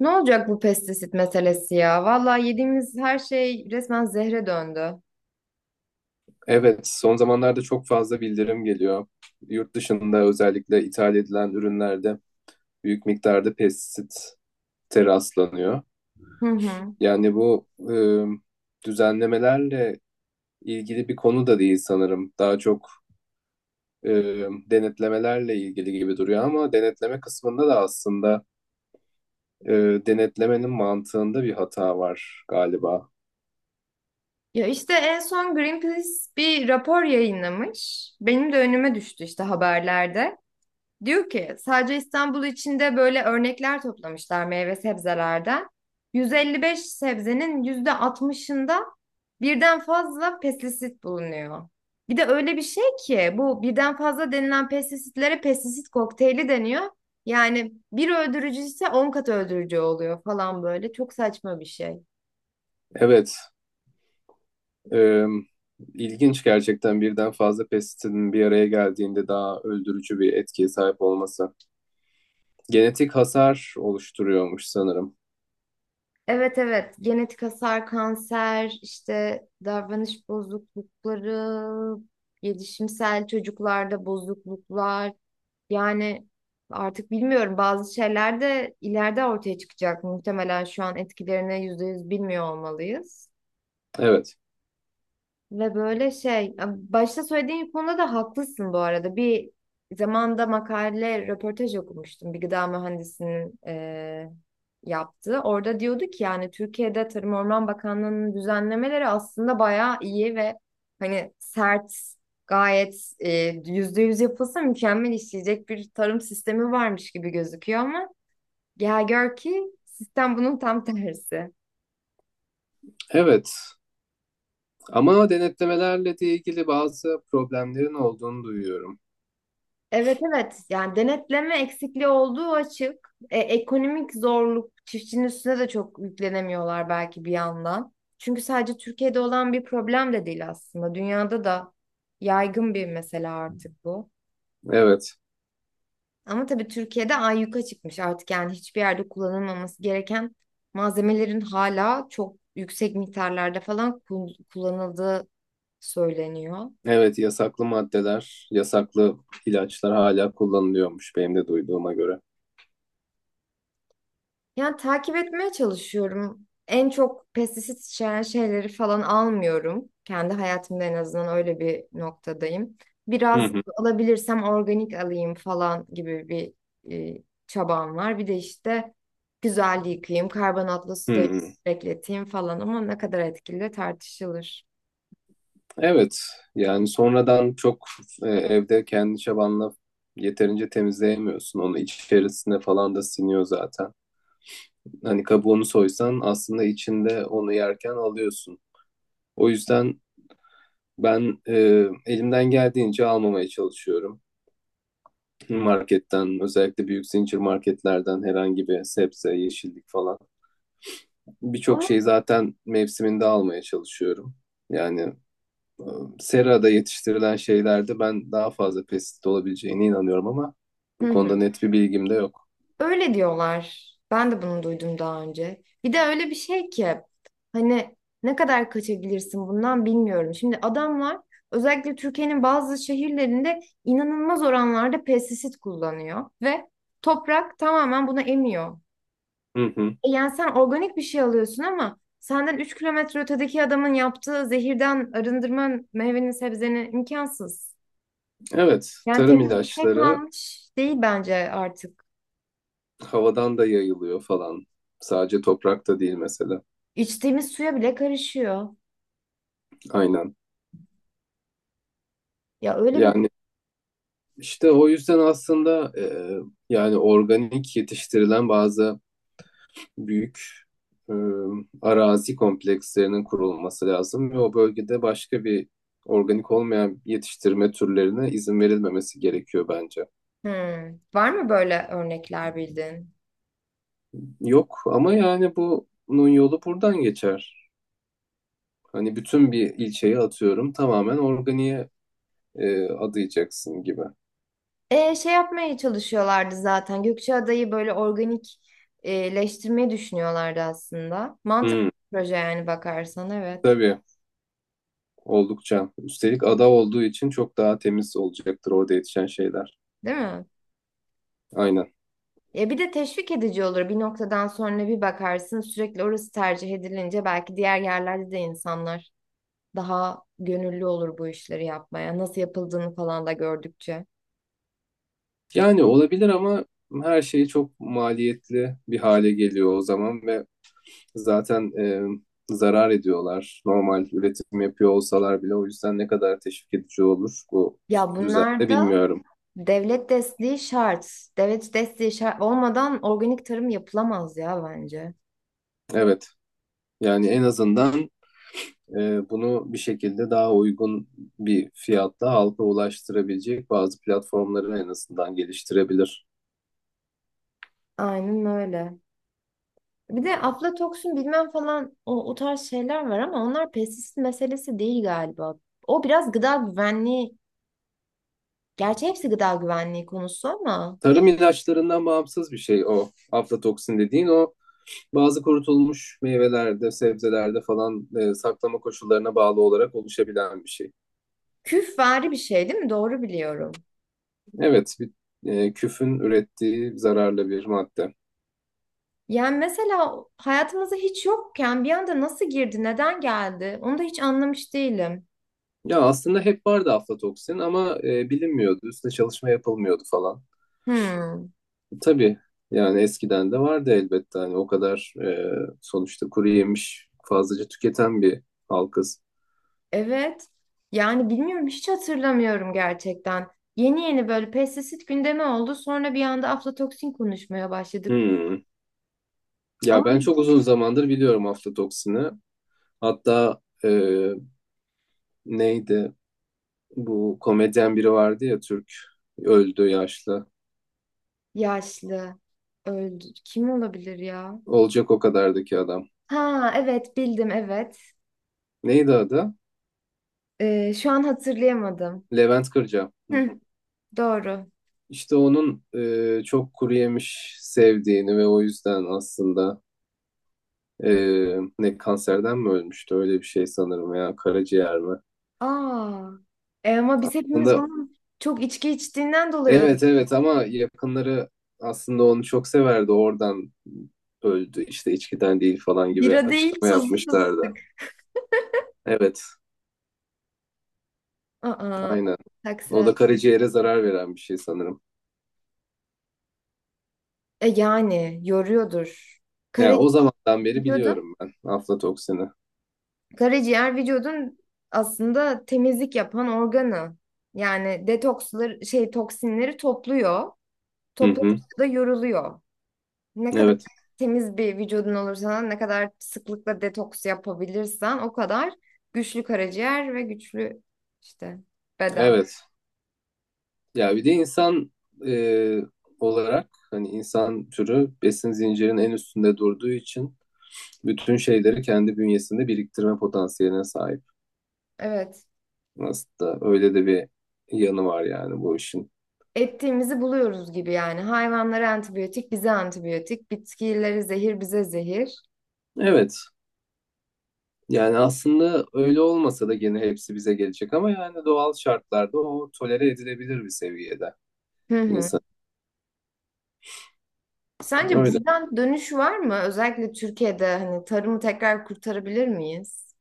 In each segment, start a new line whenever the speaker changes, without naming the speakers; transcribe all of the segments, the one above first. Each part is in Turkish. Ne olacak bu pestisit meselesi ya? Vallahi yediğimiz her şey resmen zehre döndü.
Evet, son zamanlarda çok fazla bildirim geliyor. Yurt dışında özellikle ithal edilen ürünlerde büyük miktarda pestisite rastlanıyor.
Hı hı.
Yani bu düzenlemelerle ilgili bir konu da değil sanırım. Daha çok e, denetlemelerle ilgili gibi duruyor ama denetleme kısmında da aslında e, denetlemenin mantığında bir hata var galiba.
Ya işte en son Greenpeace bir rapor yayınlamış. Benim de önüme düştü işte haberlerde. Diyor ki sadece İstanbul içinde böyle örnekler toplamışlar meyve sebzelerden. 155 sebzenin %60'ında birden fazla pestisit bulunuyor. Bir de öyle bir şey ki bu birden fazla denilen pestisitlere pestisit kokteyli deniyor. Yani bir öldürücü ise 10 kat öldürücü oluyor falan böyle. Çok saçma bir şey.
Evet. Ee, ilginç gerçekten birden fazla pestisidin bir araya geldiğinde daha öldürücü bir etkiye sahip olması. Genetik hasar oluşturuyormuş sanırım.
Evet evet, genetik hasar, kanser, işte davranış bozuklukları, gelişimsel çocuklarda bozukluklar. Yani artık bilmiyorum, bazı şeyler de ileride ortaya çıkacak. Muhtemelen şu an etkilerini yüzde yüz bilmiyor olmalıyız.
Evet.
Ve böyle şey, başta söylediğin konuda da haklısın bu arada. Bir zamanda makale, röportaj okumuştum. Bir gıda mühendisinin yaptığı. Orada diyordu ki yani Türkiye'de Tarım Orman Bakanlığı'nın düzenlemeleri aslında bayağı iyi ve hani sert, gayet %100 yapılsa mükemmel işleyecek bir tarım sistemi varmış gibi gözüküyor ama gel gör ki sistem bunun tam tersi.
Evet. Ama denetlemelerle de ilgili bazı problemlerin olduğunu duyuyorum.
Evet evet, yani denetleme eksikliği olduğu açık. Ekonomik zorluk, çiftçinin üstüne de çok yüklenemiyorlar belki bir yandan. Çünkü sadece Türkiye'de olan bir problem de değil aslında. Dünyada da yaygın bir mesele artık bu.
Evet.
Ama tabii Türkiye'de ayyuka çıkmış artık, yani hiçbir yerde kullanılmaması gereken malzemelerin hala çok yüksek miktarlarda falan kullanıldığı söyleniyor.
Evet, yasaklı maddeler, yasaklı ilaçlar hala kullanılıyormuş benim de duyduğuma göre.
Yani takip etmeye çalışıyorum. En çok pestisit içeren şeyleri falan almıyorum. Kendi hayatımda en azından öyle bir noktadayım.
Hı
Biraz
hı.
alabilirsem organik alayım falan gibi bir çabam var. Bir de işte güzel yıkayayım, karbonatlı suda
Hı.
bekleteyim falan ama ne kadar etkili tartışılır.
Evet, yani sonradan çok evde kendi çabanla yeterince temizleyemiyorsun. Onu içerisine falan da siniyor zaten. Hani kabuğunu soysan aslında içinde onu yerken alıyorsun. O yüzden ben elimden geldiğince almamaya çalışıyorum. Marketten, özellikle büyük zincir marketlerden herhangi bir sebze, yeşillik falan. Birçok
Ama
şeyi zaten mevsiminde almaya çalışıyorum. Yani serada yetiştirilen şeylerde ben daha fazla pestisit olabileceğine inanıyorum ama
Hı
bu
hı.
konuda net bir bilgim de yok.
Öyle diyorlar. Ben de bunu duydum daha önce. Bir de öyle bir şey ki hani ne kadar kaçabilirsin bundan bilmiyorum. Şimdi adamlar özellikle Türkiye'nin bazı şehirlerinde inanılmaz oranlarda pestisit kullanıyor ve toprak tamamen buna emiyor.
Hı hı.
E yani sen organik bir şey alıyorsun ama senden 3 kilometre ötedeki adamın yaptığı zehirden arındırman meyveni sebzeni imkansız.
Evet,
Yani
tarım
temiz bir şey
ilaçları
kalmış değil bence artık.
havadan da yayılıyor falan. Sadece toprakta değil mesela.
İçtiğimiz suya bile karışıyor.
Aynen.
Ya öyle bir
Yani işte o yüzden aslında yani organik yetiştirilen bazı büyük e, arazi komplekslerinin kurulması lazım ve o bölgede başka bir organik olmayan yetiştirme türlerine izin verilmemesi gerekiyor bence.
Hmm. Var mı böyle örnekler bildiğin?
Yok ama yani bunun yolu buradan geçer. Hani bütün bir ilçeyi atıyorum tamamen organiğe adayacaksın gibi.
E, şey yapmaya çalışıyorlardı zaten. Gökçeada'yı böyle organikleştirmeyi düşünüyorlardı aslında. Mantıklı
Hmm,
bir proje yani, bakarsan evet.
tabii oldukça. Üstelik ada olduğu için çok daha temiz olacaktır orada yetişen şeyler.
Değil mi?
Aynen.
Ya bir de teşvik edici olur. Bir noktadan sonra bir bakarsın, sürekli orası tercih edilince belki diğer yerlerde de insanlar daha gönüllü olur bu işleri yapmaya. Nasıl yapıldığını falan da gördükçe.
Yani olabilir ama her şey çok maliyetli bir hale geliyor o zaman ve zaten zarar ediyorlar. Normal üretim yapıyor olsalar bile o yüzden ne kadar teşvik edici olur bu
Ya
düzende
bunlarda
bilmiyorum.
Devlet desteği şart. Devlet desteği şart olmadan organik tarım yapılamaz ya bence.
Evet, yani en azından bunu bir şekilde daha uygun bir fiyatla halka ulaştırabilecek bazı platformları en azından geliştirebilir.
Aynen öyle. Bir de aflatoksin bilmem falan, o, o tarz şeyler var ama onlar pestisit meselesi değil galiba. O biraz gıda güvenliği, gerçi hepsi gıda güvenliği konusu ama
Tarım ilaçlarından bağımsız bir şey o aflatoksin dediğin, o bazı kurutulmuş meyvelerde, sebzelerde falan saklama koşullarına bağlı olarak oluşabilen bir şey.
küfvari bir şey değil mi? Doğru biliyorum.
Evet, bir, küfün ürettiği zararlı bir madde.
Yani mesela hayatımızda hiç yokken bir anda nasıl girdi, neden geldi? Onu da hiç anlamış değilim.
Ya aslında hep vardı aflatoksin ama bilinmiyordu, üstüne çalışma yapılmıyordu falan.
Hmm.
Tabii, yani eskiden de vardı elbette hani o kadar sonuçta kuru yemiş fazlaca tüketen bir halkız.
Evet. Yani bilmiyorum, hiç hatırlamıyorum gerçekten. Yeni yeni böyle pestisit gündemi oldu. Sonra bir anda aflatoksin konuşmaya başladık.
Hmm.
Ama
Ya ben çok uzun zamandır biliyorum aflatoksini. Hatta neydi bu komedyen biri vardı ya, Türk, öldü, yaşlı.
yaşlı öldü. Kim olabilir ya?
Olacak o kadardaki adam.
Ha evet, bildim evet.
Neydi adı?
Şu an hatırlayamadım.
Levent Kırca. Hı.
Hı, doğru.
İşte onun çok kuru yemiş sevdiğini ve o yüzden aslında e, ne kanserden mi ölmüştü öyle bir şey sanırım ya, karaciğer mi?
Aa. E ama biz hepimiz
Aslında
onun çok içki içtiğinden dolayı öldük.
evet, evet ama yakınları aslında onu çok severdi, oradan öldü işte, içkiden değil falan gibi
Bira değil,
açıklama
tuzlu
yapmışlardı.
fıstık.
Evet,
Aa.
aynen, o
Taksirat.
da karaciğere zarar veren bir şey sanırım.
E yani yoruyordur. Kara
Yani o zamandan beri
Biliyordun.
biliyorum ben aflatoksini.
Karaciğer vücudun aslında temizlik yapan organı. Yani detoksları şey toksinleri topluyor.
Hı hı.
Topladıkça da yoruluyor. Ne kadar
Evet.
temiz bir vücudun olursa, ne kadar sıklıkla detoks yapabilirsen o kadar güçlü karaciğer ve güçlü işte beden.
Evet. Ya bir de insan e, olarak hani insan türü besin zincirinin en üstünde durduğu için bütün şeyleri kendi bünyesinde biriktirme potansiyeline sahip.
Evet.
Aslında öyle de bir yanı var yani bu işin.
Ettiğimizi buluyoruz gibi yani. Hayvanlara antibiyotik, bize antibiyotik. Bitkileri zehir, bize zehir.
Evet. Yani aslında öyle olmasa da gene hepsi bize gelecek ama yani doğal şartlarda o tolere edilebilir bir seviyede
Hı hı.
insan.
Sence
Öyle.
buradan dönüş var mı? Özellikle Türkiye'de hani tarımı tekrar kurtarabilir miyiz?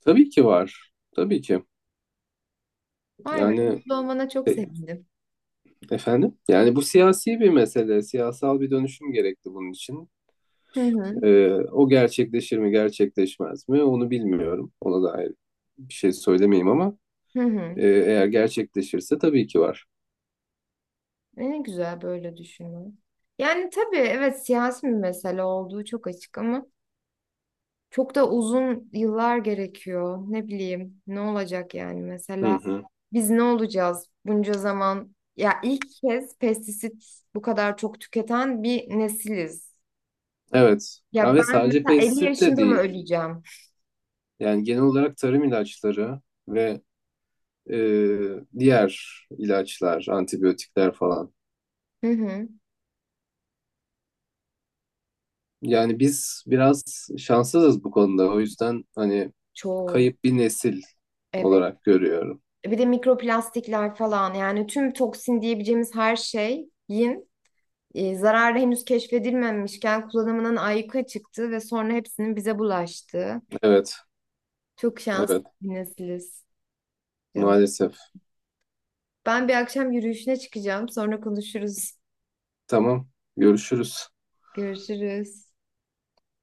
Tabii ki var. Tabii ki.
Vay be,
Yani
mutlu olmana çok
e,
sevindim.
efendim, yani bu siyasi bir mesele, siyasal bir dönüşüm gerekti bunun için.
Hı hı,
O gerçekleşir mi gerçekleşmez mi onu bilmiyorum. Ona dair bir şey söylemeyeyim ama
hı hı.
eğer gerçekleşirse tabii ki var.
Ne güzel böyle düşünmek. Yani tabii evet, siyasi bir mesele olduğu çok açık ama çok da uzun yıllar gerekiyor. Ne bileyim ne olacak yani,
Hı
mesela
hı.
biz ne olacağız bunca zaman? Ya ilk kez pestisit bu kadar çok tüketen bir nesiliz.
Evet. Ha,
Ya
ve
ben
sadece
mesela 50
pestisit de
yaşında mı
değil.
öleceğim?
Yani genel olarak tarım ilaçları ve e, diğer ilaçlar, antibiyotikler falan.
Hı hı.
Yani biz biraz şanssızız bu konuda. O yüzden hani
Çok.
kayıp bir nesil
Evet.
olarak görüyorum.
Bir de mikroplastikler falan, yani tüm toksin diyebileceğimiz her şeyin zararı henüz keşfedilmemişken kullanımının ayyuka çıktığı ve sonra hepsinin bize bulaştığı.
Evet,
Çok şanslı
evet,
bir nesiliz canım.
maalesef.
Ben bir akşam yürüyüşüne çıkacağım. Sonra konuşuruz.
Tamam, görüşürüz.
Görüşürüz.